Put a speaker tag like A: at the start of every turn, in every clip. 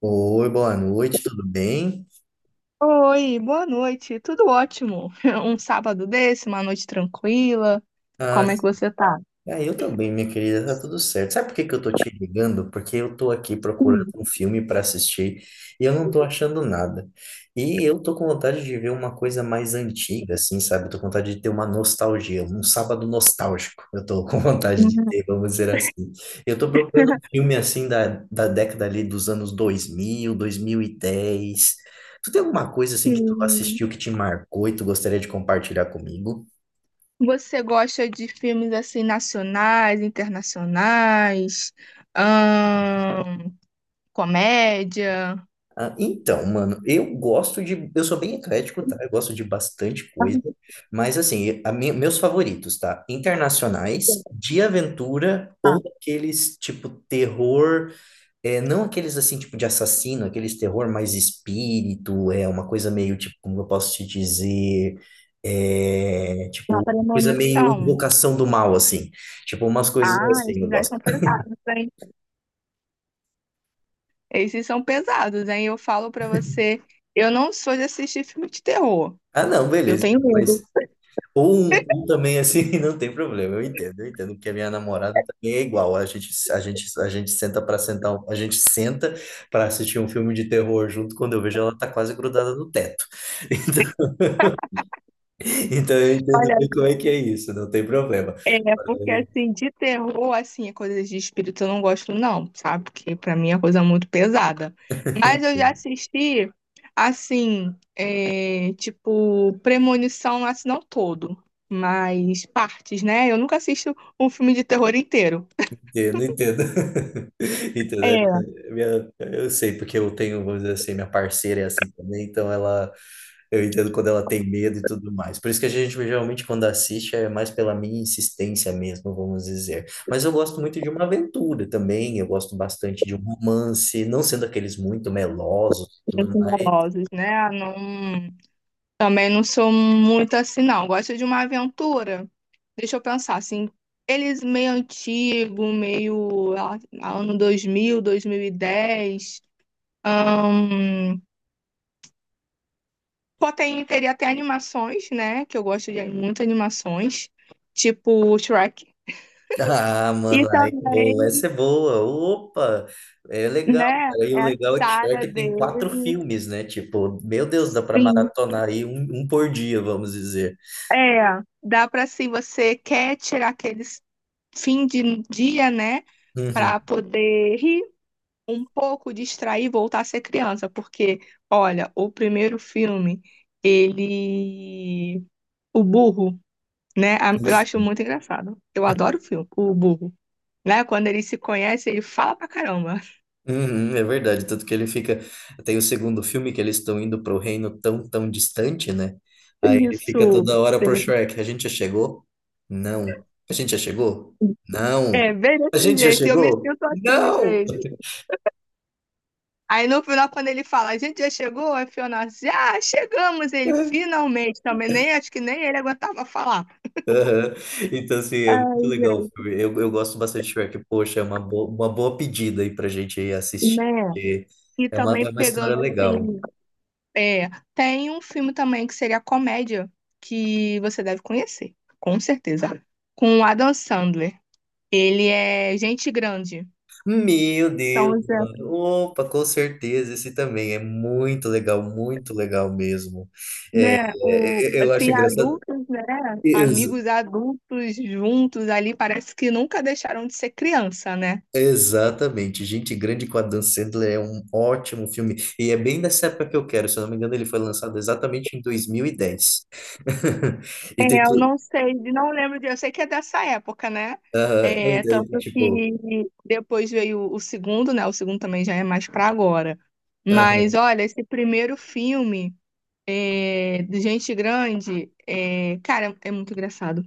A: Oi, boa noite, tudo bem?
B: Oi, boa noite. Tudo ótimo. Um sábado desse, uma noite tranquila.
A: Ah,
B: Como é que você tá?
A: eu também, minha querida, tá tudo certo. Sabe por que que eu tô te ligando? Porque eu tô aqui procurando
B: Hum,
A: um filme para assistir e eu não tô achando nada. E eu tô com vontade de ver uma coisa mais antiga, assim, sabe? Eu tô com vontade de ter uma nostalgia, um sábado nostálgico. Eu tô com vontade de
B: hum.
A: ter, vamos dizer assim. Eu tô procurando um filme, assim, da década ali dos anos dois 2000, 2010. Tu tem alguma coisa, assim, que tu assistiu que te marcou e tu gostaria de compartilhar comigo?
B: Você gosta de filmes assim nacionais, internacionais, ahn, comédia?
A: Ah, então, mano, eu gosto de. Eu sou bem eclético, tá? Eu gosto de bastante coisa. Mas, assim, meus favoritos, tá? Internacionais, de aventura
B: Ah,
A: ou daqueles tipo terror. É, não aqueles assim, tipo de assassino, aqueles terror mais espírito, é uma coisa meio tipo, como eu posso te dizer. É,
B: uma
A: tipo, coisa meio
B: premonição.
A: invocação do mal, assim. Tipo, umas coisas
B: Ah,
A: assim eu
B: esses aí
A: gosto.
B: são pesados, hein? Esses são pesados, hein? Eu falo pra você, eu não sou de assistir filme de terror.
A: Ah, não,
B: Eu
A: beleza.
B: tenho medo.
A: Ou, ou também assim, não tem problema, eu entendo, porque a minha namorada também é igual. A gente senta para sentar, a gente senta para assistir um filme de terror junto, quando eu vejo ela tá quase grudada no teto. Então, então eu entendo bem como é que é isso, não tem problema.
B: É, porque assim, de terror, assim, é coisas de espírito eu não gosto, não, sabe? Porque pra mim é coisa muito pesada. Mas eu já assisti, assim, é, tipo, Premonição, assim, não todo, mas partes, né? Eu nunca assisto um filme de terror inteiro.
A: Eu não entendo. Entendeu?
B: É,
A: Eu sei, porque eu tenho, vamos dizer assim, minha parceira é assim também, então ela, eu entendo quando ela tem medo e tudo mais. Por isso que a gente geralmente, quando assiste, é mais pela minha insistência mesmo, vamos dizer. Mas eu gosto muito de uma aventura também, eu gosto bastante de um romance, não sendo aqueles muito melosos e tudo mais.
B: Velozes, né? Não. Também não sou muito assim, não. Gosto de uma aventura. Deixa eu pensar, assim, eles meio antigo, meio ah, ano 2000, 2010. Ahn, pô, teria até animações, né? Que eu gosto de muitas animações, tipo Shrek.
A: Ah,
B: E
A: mano, aí é bom,
B: também,
A: essa é boa. Opa, é legal,
B: né,
A: cara. E o
B: é a
A: legal é que
B: saga
A: Shrek tem quatro
B: dele.
A: filmes, né? Tipo, meu Deus, dá pra
B: Sim,
A: maratonar aí um por dia, vamos dizer.
B: é. Dá para se você quer tirar aquele fim de dia, né?
A: Uhum.
B: Para poder rir um pouco distrair e voltar a ser criança, porque, olha, o primeiro filme, ele. O burro, né? a- Eu acho muito engraçado. Eu adoro o filme, o burro. Né? Quando ele se conhece, ele fala pra caramba.
A: Uhum, é verdade, tanto que ele fica. Tem o segundo filme que eles estão indo para o reino tão, tão distante, né? Aí ele fica
B: Isso,
A: toda hora pro
B: sim.
A: Shrek: A gente já chegou? Não. A gente já chegou? Não.
B: É, bem
A: A
B: desse
A: gente já
B: jeito. E eu me
A: chegou?
B: sinto assim às
A: Não!
B: vezes. Aí no final, quando ele fala, a gente já chegou, a Fiona diz, ah, chegamos. Ele finalmente também, nem acho que nem ele aguentava falar.
A: Então, assim, é muito
B: Ai,
A: legal o
B: gente,
A: filme. Eu gosto bastante de Shrek. Poxa, é uma, bo uma boa pedida aí pra gente ir assistir,
B: né?
A: porque
B: E também
A: é uma história
B: pegando assim.
A: legal.
B: É, tem um filme também que seria comédia, que você deve conhecer, com certeza. Com o Adam Sandler. Ele é gente grande.
A: Meu
B: São
A: Deus,
B: os, é,
A: mano. Opa, com certeza, esse também é muito legal mesmo.
B: né, o,
A: Eu acho
B: assim,
A: engraçado.
B: adultos, né?
A: Ex-
B: Amigos adultos juntos ali, parece que nunca deixaram de ser criança, né?
A: exatamente, Gente Grande com Adam Sandler é um ótimo filme. E é bem dessa época que eu quero, se eu não me engano, ele foi lançado exatamente em 2010. E tem
B: É, eu
A: tudo.
B: não sei, não lembro de, eu sei que é dessa época, né?
A: Aham, é,
B: É,
A: então,
B: tanto
A: tipo.
B: que depois veio o segundo, né? O segundo também já é mais pra agora. Mas
A: Aham,
B: olha, esse primeiro filme é, de gente grande, é, cara, é muito engraçado.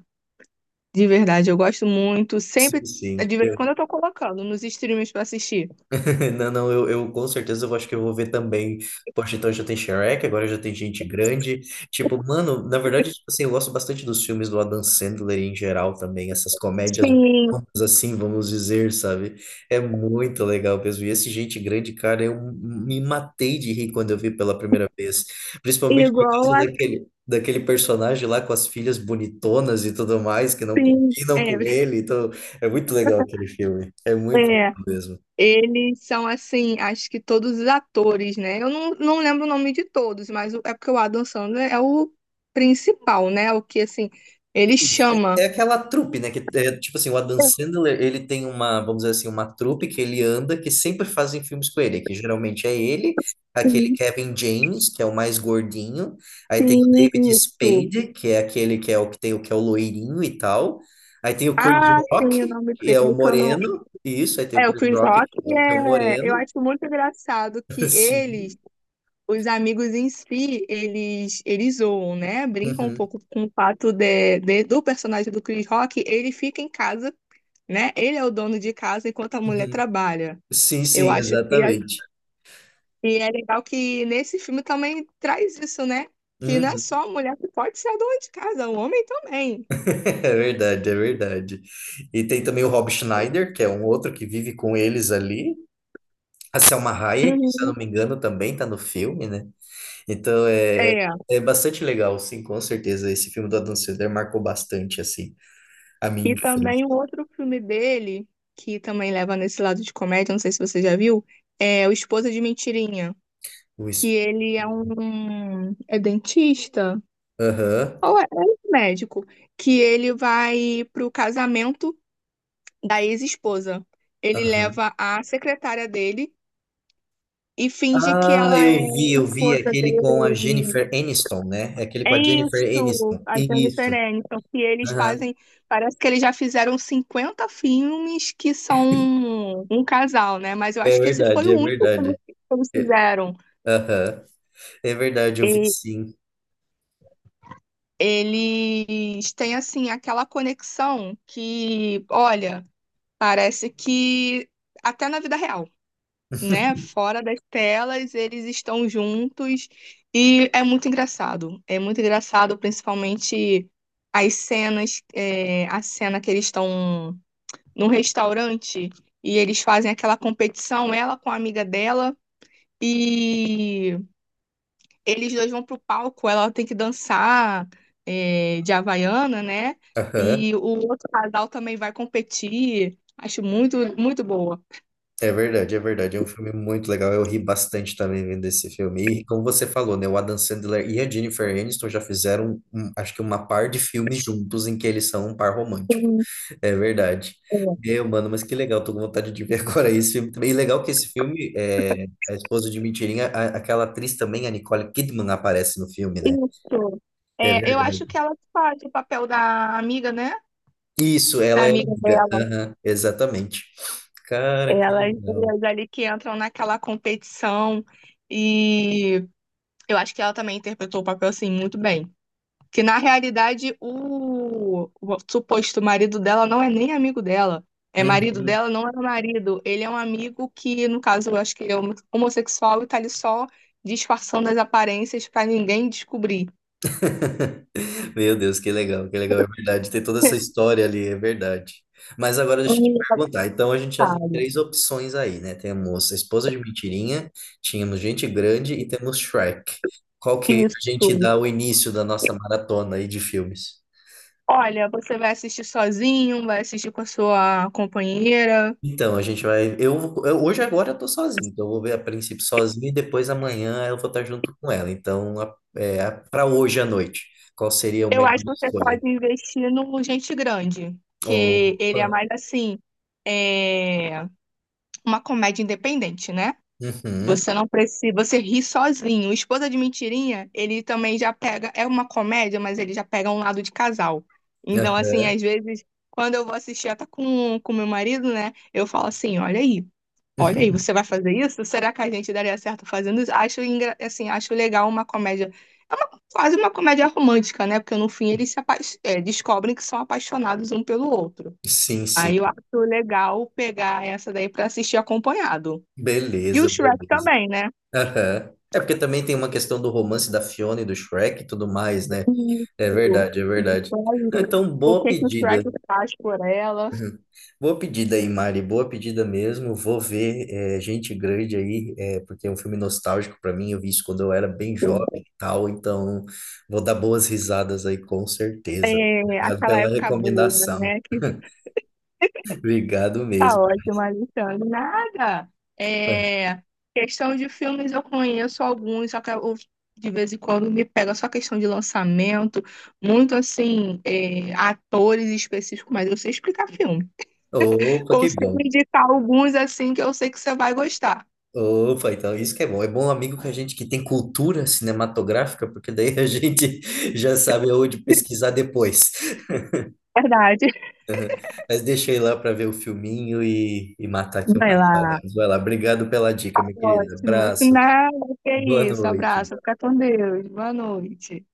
B: De verdade, eu gosto muito. Sempre,
A: sim, sim.
B: de vez em quando eu tô colocando nos streams pra assistir.
A: Não, não, eu com certeza eu acho que eu vou ver também. Poxa, então já tem Shrek, agora já tem gente grande. Tipo, mano, na verdade, tipo assim, eu gosto bastante dos filmes do Adam Sandler em geral também, essas comédias
B: Sim,
A: bobas, assim, vamos dizer, sabe? É muito legal mesmo. E esse gente grande, cara, eu me matei de rir quando eu vi pela primeira vez. Principalmente por
B: igual
A: causa daquele personagem lá com as filhas bonitonas e tudo mais, que não
B: assim.
A: combinam
B: É,
A: com ele. Então, é muito legal aquele filme. É muito
B: é.
A: legal mesmo.
B: Eles são assim, acho que todos os atores, né? Eu não, não lembro o nome de todos, mas o- é porque o Adam Sandler é o principal, né? O que assim, ele
A: Isso. É
B: chama.
A: aquela trupe, né? Que é, tipo assim, o Adam Sandler, ele tem uma, vamos dizer assim, uma trupe que ele anda, que sempre fazem filmes com ele, que geralmente é ele, aquele
B: Sim,
A: Kevin James, que é o mais gordinho, aí tem o
B: sim,
A: David
B: isso.
A: Spade, que é aquele que é o que tem o que é o loirinho e tal. Aí tem o Chris
B: Ah, sim, o
A: Rock,
B: nome
A: que é o
B: dele que eu não
A: moreno. Isso, aí tem o
B: É, o
A: Chris
B: Chris
A: Rock,
B: Rock
A: que é o
B: é, eu
A: moreno.
B: acho muito engraçado que eles,
A: Sim.
B: os amigos em si, eles zoam, né? Brincam um
A: Uhum,
B: pouco com o fato de- do personagem do Chris Rock, ele fica em casa, né? Ele é o dono de casa enquanto a mulher
A: uhum.
B: trabalha.
A: Sim,
B: Eu
A: sim,
B: acho
A: exatamente.
B: que é legal que nesse filme também traz isso, né? Que não é
A: Uhum.
B: só a mulher que pode ser a dona de casa, o homem também.
A: É verdade, é verdade. E tem também o Rob Schneider, que é um outro que vive com eles ali. A Selma Hayek, se eu
B: Uhum.
A: não me engano, também tá no filme, né? Então é,
B: É.
A: é bastante legal, sim, com certeza. Esse filme do Adam Sandler marcou bastante, assim, a minha
B: E
A: infância.
B: também o outro filme dele, que também leva nesse lado de comédia, não sei se você já viu, é O Esposa de Mentirinha,
A: O
B: que
A: es-
B: ele é um é dentista
A: Aham,
B: ou é é um médico, que ele vai pro casamento da ex-esposa. Ele
A: aham.
B: leva a secretária dele e finge que
A: Ah,
B: ela é
A: eu vi
B: esposa
A: aquele com a
B: dele.
A: Jennifer Aniston, né? É aquele
B: É
A: com a Jennifer
B: isso,
A: Aniston.
B: a Jennifer
A: Isso.
B: Aniston, que eles
A: Aham.
B: fazem, parece que eles já fizeram 50 filmes que são um casal, né? Mas eu
A: É
B: acho que esse foi
A: verdade,
B: o
A: é
B: único filme
A: verdade.
B: que eles
A: É.
B: fizeram.
A: Aham. É verdade, eu vi
B: E
A: sim.
B: eles têm, assim, aquela conexão que, olha, parece que até na vida real. Né? Fora das telas, eles estão juntos e é muito engraçado. É muito engraçado, principalmente as cenas, é, a cena que eles estão num restaurante e eles fazem aquela competição, ela com a amiga dela, e eles dois vão pro palco, ela tem que dançar, é, de Havaiana, né?
A: Aham.
B: E o outro casal também vai competir. Acho muito, muito boa.
A: É verdade, é verdade. É um filme muito legal. Eu ri bastante também vendo esse filme. E como você falou, né? O Adam Sandler e a Jennifer Aniston já fizeram, acho que uma par de filmes juntos em que eles são um par romântico.
B: Sim,
A: É verdade.
B: é.
A: Meu, mano, mas que legal. Tô com vontade de ver agora esse filme também. E legal que esse filme, é, a esposa de Mentirinha, aquela atriz também, a Nicole Kidman, aparece no filme, né?
B: Isso.
A: É
B: É, eu acho que
A: verdade.
B: ela faz o papel da amiga, né?
A: Isso, ela
B: Da
A: é
B: amiga
A: amiga.
B: dela.
A: Aham, exatamente. Cara, que
B: Elas
A: legal.
B: duas ali que entram naquela competição. E eu acho que ela também interpretou o papel assim muito bem. Que na realidade o suposto marido dela não é nem amigo dela. É marido
A: Uhum.
B: dela, não é um marido. Ele é um amigo que, no caso, eu acho que é homo- homossexual e tá ali só disfarçando as aparências pra ninguém descobrir.
A: Meu Deus, que legal, é verdade. Tem toda essa história ali, é verdade. Mas agora deixa eu
B: Um
A: te perguntar. Então a gente já tem
B: detalhe.
A: três opções aí, né? Temos a Esposa de Mentirinha, tínhamos Gente Grande e temos Shrek. Qual que a
B: Isso.
A: gente dá o início da nossa maratona aí de filmes?
B: Olha, você vai assistir sozinho, vai assistir com a sua companheira.
A: Então, a gente vai. Hoje agora eu tô sozinho, então eu vou ver a princípio sozinho e depois amanhã eu vou estar junto com ela. Então, pra hoje à noite, qual seria a
B: Eu
A: melhor
B: acho que você
A: escolha?
B: pode investir no Gente Grande,
A: Ou.
B: que ele é mais assim, é uma comédia independente, né?
A: Uhum,
B: Você não precisa, você ri sozinho. O Esposa de Mentirinha, ele também já pega, é uma comédia, mas ele já pega um lado de casal. Então, assim,
A: aham.
B: às vezes, quando eu vou assistir até com meu marido, né? Eu falo assim, olha aí. Olha aí, você vai fazer isso? Será que a gente daria certo fazendo isso? Acho, engra- assim, acho legal uma comédia. É uma, quase uma comédia romântica, né? Porque no fim eles se apa- é, descobrem que são apaixonados um pelo outro.
A: Sim, sim.
B: Aí eu acho legal pegar essa daí para assistir acompanhado. E o
A: Beleza,
B: Shrek
A: beleza.
B: também, né?
A: Aham. É porque também tem uma questão do romance da Fiona e do Shrek e tudo mais, né? É
B: Isso.
A: verdade, é verdade.
B: Isso aí.
A: Não, então,
B: O
A: boa
B: que que o
A: pedida.
B: Shrek faz por ela?
A: Uhum. Boa pedida aí, Mari. Boa pedida mesmo. Vou ver é, Gente Grande aí, é, porque é um filme nostálgico para mim. Eu vi isso quando eu era bem jovem e tal. Então, vou dar boas risadas aí, com certeza.
B: É,
A: Obrigado
B: aquela
A: pela
B: época boa,
A: recomendação.
B: né? Que
A: Obrigado
B: Tá
A: mesmo.
B: ótimo, Alexandre. Nada. É, questão de filmes, eu conheço alguns, só que eu, de vez em quando me pega só questão de lançamento, muito assim, é, atores específicos, mas eu sei explicar filme.
A: Opa, que bom.
B: Consigo indicar alguns assim que eu sei que você vai gostar.
A: Opa, então isso que é bom. É bom amigo com a gente que tem cultura cinematográfica, porque daí a gente já sabe onde pesquisar depois.
B: Verdade.
A: Mas deixa eu ir lá para ver o filminho e matar aqui
B: Vai
A: uma
B: lá.
A: saudade. Vai lá, obrigado pela dica, meu querido.
B: Ótimo.
A: Abraço,
B: Nada,
A: boa
B: que isso.
A: noite.
B: Abraço. Fica com Deus. Boa noite.